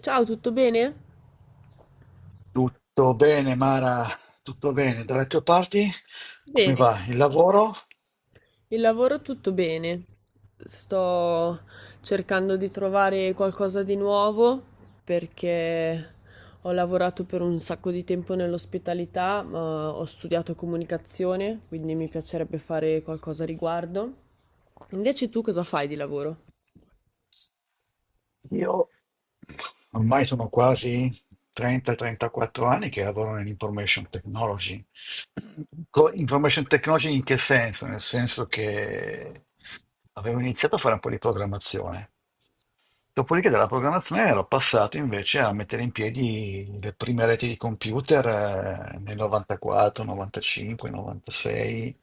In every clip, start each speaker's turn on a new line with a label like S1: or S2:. S1: Ciao, tutto bene?
S2: Tutto bene, Mara, tutto bene. Dalle tue parti, come
S1: Bene,
S2: va? Il
S1: grazie.
S2: lavoro?
S1: Il lavoro tutto bene. Sto cercando di trovare qualcosa di nuovo perché ho lavorato per un sacco di tempo nell'ospitalità, ma ho studiato comunicazione, quindi mi piacerebbe fare qualcosa a riguardo. Invece tu cosa fai di lavoro?
S2: Io ormai sono quasi 30-34 anni che lavoro nell'information technology. Information technology in che senso? Nel senso che avevo iniziato a fare un po' di programmazione. Dopodiché dalla programmazione ero passato invece a mettere in piedi le prime reti di computer nel 94, 95, 96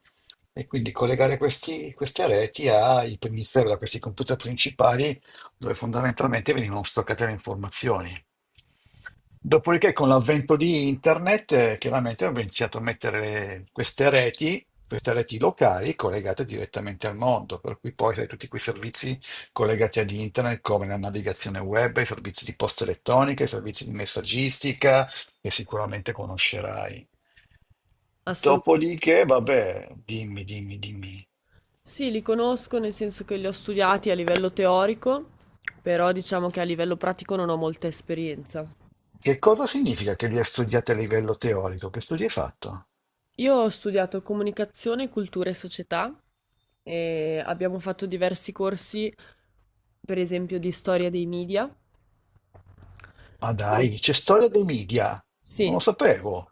S2: e quindi collegare queste reti ai primi server, a questi computer principali dove fondamentalmente venivano stoccate le informazioni. Dopodiché con l'avvento di internet chiaramente ho iniziato a mettere queste reti locali collegate direttamente al mondo, per cui poi sai, tutti quei servizi collegati ad internet come la navigazione web, i servizi di posta elettronica, i servizi di messaggistica che sicuramente conoscerai.
S1: Assolutamente.
S2: Dopodiché, vabbè, dimmi, dimmi, dimmi.
S1: Sì, li conosco nel senso che li ho studiati a livello teorico, però diciamo che a livello pratico non ho molta esperienza.
S2: Che cosa significa che li hai studiati a livello teorico? Che studi hai fatto?
S1: Io ho studiato comunicazione, cultura e società e abbiamo fatto diversi corsi, per esempio di storia dei media.
S2: Ma dai, c'è storia dei media. Non
S1: Sì,
S2: lo sapevo.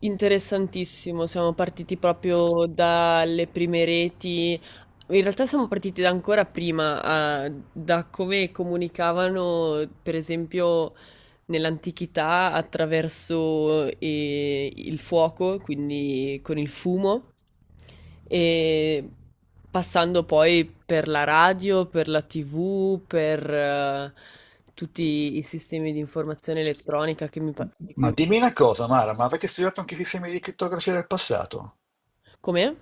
S1: interessantissimo. Siamo partiti proprio dalle prime reti. In realtà siamo partiti da ancora prima, ah, da come comunicavano, per esempio, nell'antichità attraverso il fuoco, quindi con il fumo, e passando poi per la radio, per la TV, per tutti i sistemi di informazione elettronica di
S2: Ma
S1: cui...
S2: dimmi una cosa, Mara, ma avete studiato anche i sistemi di crittografia del passato?
S1: Com'è?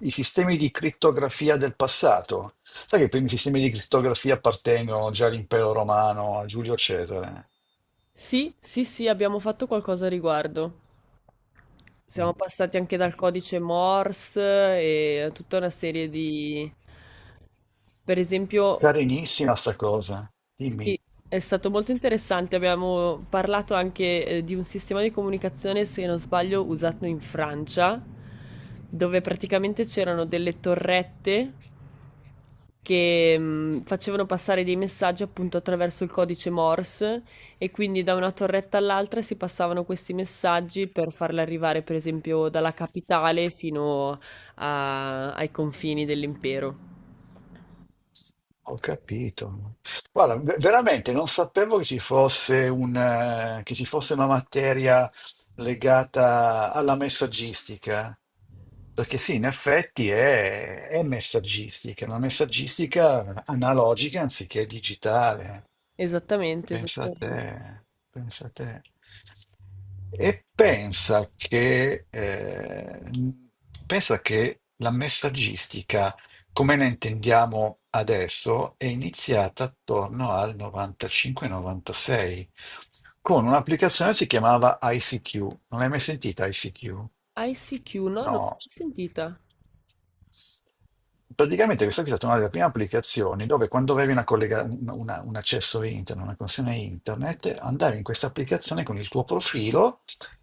S2: I sistemi di crittografia del passato. Sai che i primi sistemi di crittografia appartengono già all'impero romano, a Giulio Cesare.
S1: Sì, sì, sì, abbiamo fatto qualcosa a riguardo. Siamo passati anche dal codice Morse e a tutta una serie di... Per esempio,
S2: Carinissima sta cosa.
S1: sì,
S2: Dimmi.
S1: è stato molto interessante. Abbiamo parlato anche, di un sistema di comunicazione, se non sbaglio, usato in Francia, dove praticamente c'erano delle torrette che facevano passare dei messaggi appunto attraverso il codice Morse e quindi da una torretta all'altra si passavano questi messaggi per farli arrivare, per esempio, dalla capitale fino ai confini dell'impero.
S2: Ho capito. Guarda, veramente non sapevo che ci fosse una materia legata alla messaggistica, perché sì, in effetti è messaggistica, una messaggistica analogica anziché digitale.
S1: Esattamente,
S2: Pensa a te,
S1: esattamente.
S2: pensa a te. E pensa che la messaggistica come la intendiamo adesso, è iniziata attorno al 95-96 con un'applicazione che si chiamava ICQ. Non l'hai mai sentita ICQ?
S1: ICQ, no, non l'ho
S2: No.
S1: mai sentita.
S2: Praticamente questa qui è stata una delle prime applicazioni dove quando avevi una collega- un una- un accesso internet, una connessione internet, andavi in questa applicazione con il tuo profilo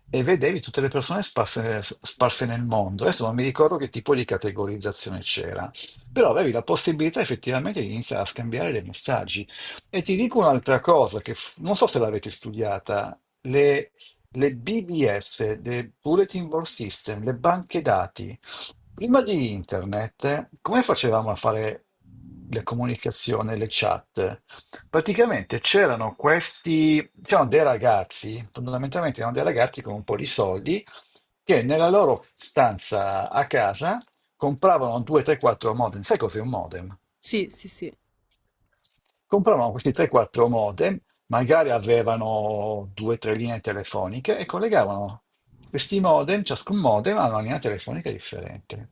S2: e vedevi tutte le persone sparse, sparse nel mondo. Adesso non mi ricordo che tipo di categorizzazione c'era, però avevi la possibilità effettivamente di iniziare a scambiare dei messaggi. E ti dico un'altra cosa che non so se l'avete studiata, le, le BBS, le Bulletin Board System, le banche dati. Prima di internet, come facevamo a fare le comunicazioni, le chat? Praticamente c'erano c'erano dei ragazzi, fondamentalmente erano dei ragazzi con un po' di soldi, che nella loro stanza a casa compravano 2, 3, 4 modem. Sai cos'è un modem?
S1: Sì, sì, sì,
S2: Compravano questi 3-4 modem, magari avevano 2-3 linee telefoniche e collegavano questi modem, ciascun modem a una linea telefonica differente.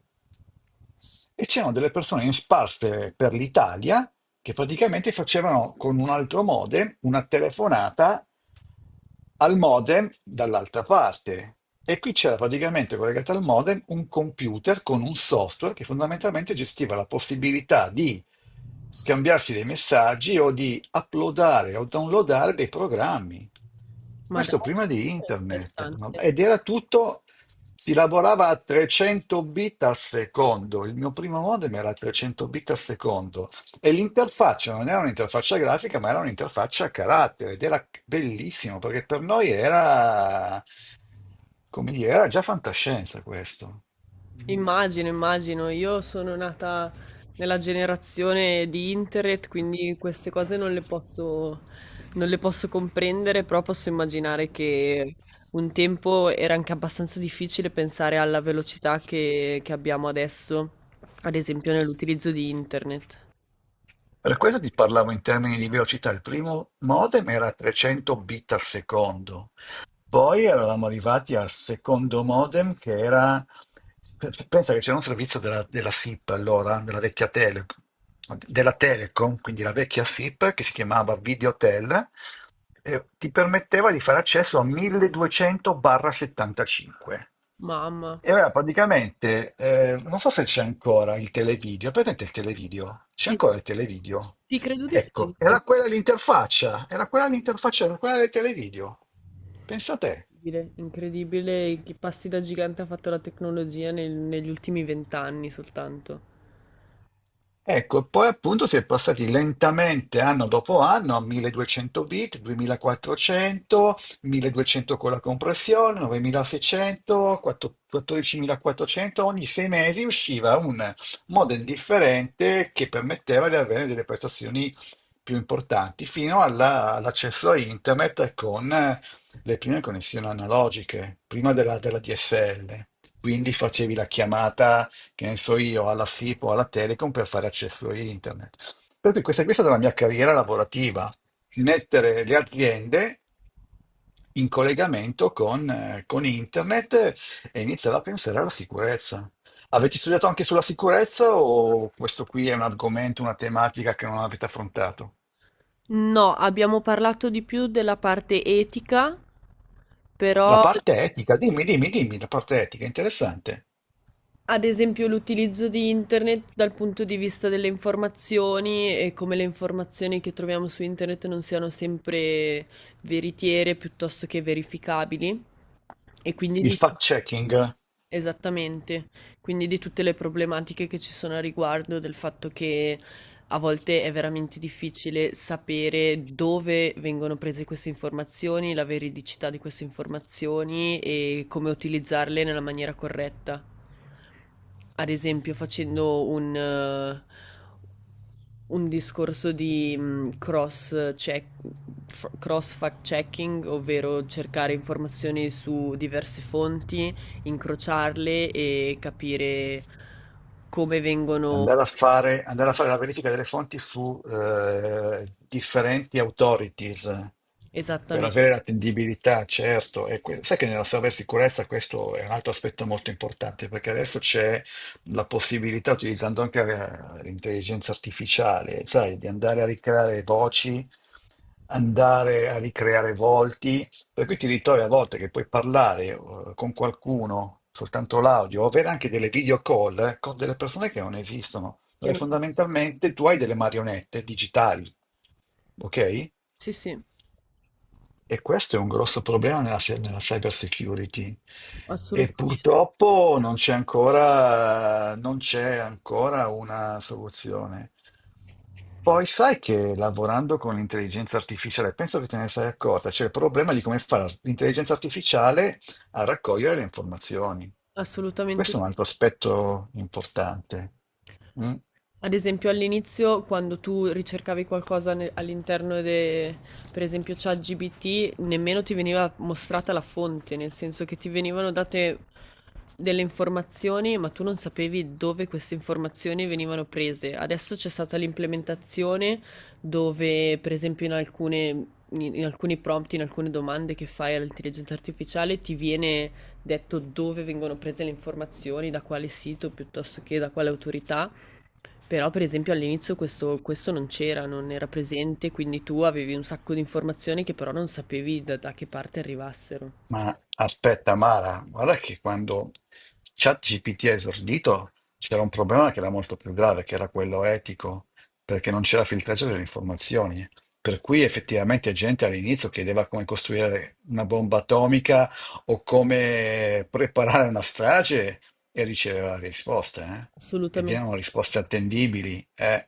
S2: E c'erano delle persone in sparse per l'Italia che praticamente facevano con un altro modem una telefonata al modem dall'altra parte. E qui c'era praticamente collegato al modem un computer con un software che fondamentalmente gestiva la possibilità di scambiarsi dei messaggi o di uploadare o downloadare dei programmi.
S1: ma
S2: Questo
S1: dai,
S2: prima di
S1: è
S2: internet.
S1: interessante.
S2: Ed era tutto, si lavorava a 300 bit al secondo. Il mio primo modem era a 300 bit al secondo. E l'interfaccia non era un'interfaccia grafica, ma era un'interfaccia a carattere ed era bellissimo perché per noi era, come dire, era già fantascienza questo. Mm.
S1: Immagino, immagino, io sono nata nella generazione di internet, quindi queste cose non le posso comprendere, però posso immaginare che un tempo era anche abbastanza difficile pensare alla velocità che abbiamo adesso, ad esempio nell'utilizzo di internet.
S2: Per questo ti parlavo in termini di velocità. Il primo modem era 300 bit al secondo. Poi eravamo arrivati al secondo modem che era, pensa che c'era un servizio della SIP allora, della Telecom, quindi la vecchia SIP che si chiamava Videotel e ti permetteva di fare accesso a 1200/75.
S1: Mamma,
S2: E allora praticamente, non so se c'è ancora il televideo, è presente il televideo? C'è
S1: sì,
S2: ancora il televideo?
S1: sì, credo di sì.
S2: Ecco, era quella l'interfaccia, era quella l'interfaccia, era quella del televideo. Pensa a te.
S1: Incredibile, incredibile che passi da gigante ha fatto la tecnologia negli ultimi vent'anni soltanto.
S2: Ecco, e poi appunto si è passati lentamente anno dopo anno a 1200 bit, 2400, 1200 con la compressione, 9600, 14400, ogni 6 mesi usciva un model differente che permetteva di avere delle prestazioni più importanti, fino all'accesso a internet con le prime connessioni analogiche, prima della DSL. Quindi facevi la chiamata che ne so io, alla SIP o alla Telecom per fare accesso a internet. Per cui questa è stata la mia carriera lavorativa, mettere le aziende in collegamento con internet e iniziare a pensare alla sicurezza. Avete studiato anche sulla sicurezza o questo qui è un argomento, una tematica che non avete affrontato?
S1: No, abbiamo parlato di più della parte etica,
S2: La
S1: però
S2: parte etica, dimmi, dimmi, dimmi, la parte etica, interessante.
S1: ad esempio l'utilizzo di internet dal punto di vista delle informazioni e come le informazioni che troviamo su internet non siano sempre veritiere piuttosto che verificabili e quindi
S2: Il
S1: di
S2: fact-checking.
S1: esattamente. Quindi di tutte le problematiche che ci sono a riguardo, del fatto che a volte è veramente difficile sapere dove vengono prese queste informazioni, la veridicità di queste informazioni e come utilizzarle nella maniera corretta. Ad esempio, facendo un discorso di cross check, cross fact checking, ovvero cercare informazioni su diverse fonti, incrociarle e capire come vengono
S2: Andare a fare la verifica delle fonti su differenti authorities per
S1: esattamente.
S2: avere l'attendibilità, certo. E sai che nella cybersicurezza questo è un altro aspetto molto importante, perché adesso c'è la possibilità, utilizzando anche l'intelligenza artificiale, sai, di andare a ricreare voci, andare a ricreare volti, per cui ti ritrovi a volte che puoi parlare con qualcuno soltanto l'audio, o avere anche delle video call con delle persone che non esistono,
S1: Io
S2: dove
S1: non.
S2: fondamentalmente tu hai delle marionette digitali, ok?
S1: Sì, sì,
S2: E questo è un grosso problema nella, se- nella cyber security. E
S1: assolutamente.
S2: purtroppo non c'è ancora, non c'è ancora una soluzione. Poi sai che lavorando con l'intelligenza artificiale, penso che te ne sei accorta, c'è il problema di come fa l'intelligenza artificiale a raccogliere le informazioni.
S1: Assolutamente
S2: Questo è un altro aspetto importante. Mm.
S1: ad esempio, all'inizio, quando tu ricercavi qualcosa all'interno de, per esempio, ChatGPT, nemmeno ti veniva mostrata la fonte, nel senso che ti venivano date delle informazioni, ma tu non sapevi dove queste informazioni venivano prese. Adesso c'è stata l'implementazione dove, per esempio, in alcuni prompt, in alcune domande che fai all'intelligenza artificiale, ti viene detto dove vengono prese le informazioni, da quale sito piuttosto che da quale autorità. Però per esempio all'inizio questo non c'era, non era presente, quindi tu avevi un sacco di informazioni che però non sapevi da che parte arrivassero.
S2: Ma aspetta, Mara, guarda che quando ChatGPT ha esordito c'era un problema che era molto più grave, che era quello etico, perché non c'era filtraggio delle informazioni. Per cui effettivamente gente all'inizio chiedeva come costruire una bomba atomica o come preparare una strage e riceveva risposte, eh? Ed
S1: Assolutamen
S2: erano risposte attendibili, eh?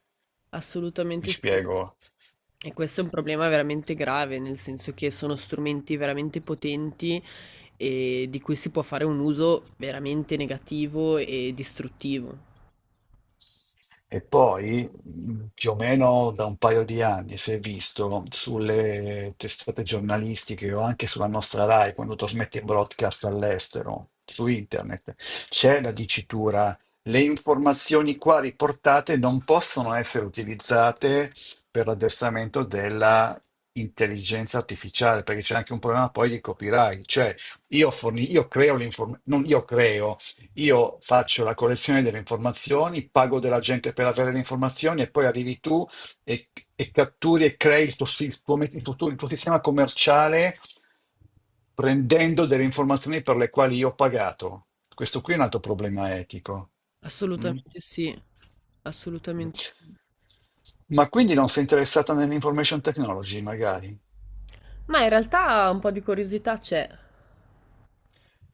S2: Mi
S1: assolutamente sì.
S2: spiego.
S1: E questo è un problema veramente grave, nel senso che sono strumenti veramente potenti, di cui si può fare un uso veramente negativo e distruttivo.
S2: E poi, più o meno da un paio di anni, si è visto sulle testate giornalistiche o anche sulla nostra Rai, quando trasmette in broadcast all'estero, su internet, c'è la dicitura, le informazioni qua riportate non possono essere utilizzate per l'addestramento della intelligenza artificiale, perché c'è anche un problema poi di copyright, cioè io creo l'informazione, non io creo, io faccio la collezione delle informazioni, pago della gente per avere le informazioni e poi arrivi tu e catturi e crei il tuo sistema commerciale prendendo delle informazioni per le quali io ho pagato. Questo qui è un altro problema etico. Mm?
S1: Assolutamente sì, assolutamente sì.
S2: Ma quindi non sei interessata nell'information technology, magari?
S1: Ma in realtà un po' di curiosità c'è.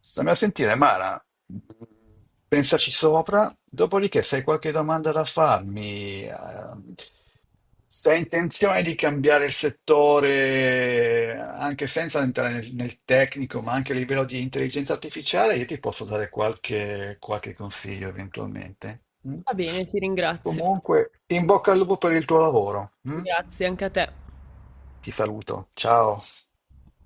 S2: Stammi a sentire, Mara, pensaci sopra, dopodiché se hai qualche domanda da farmi, se hai intenzione di cambiare il settore, anche senza entrare nel tecnico, ma anche a livello di intelligenza artificiale, io ti posso dare qualche consiglio eventualmente. Mm?
S1: Va bene, ti ringrazio.
S2: Comunque, in bocca al lupo per il tuo lavoro. Mm?
S1: Grazie anche a te.
S2: Ti saluto, ciao.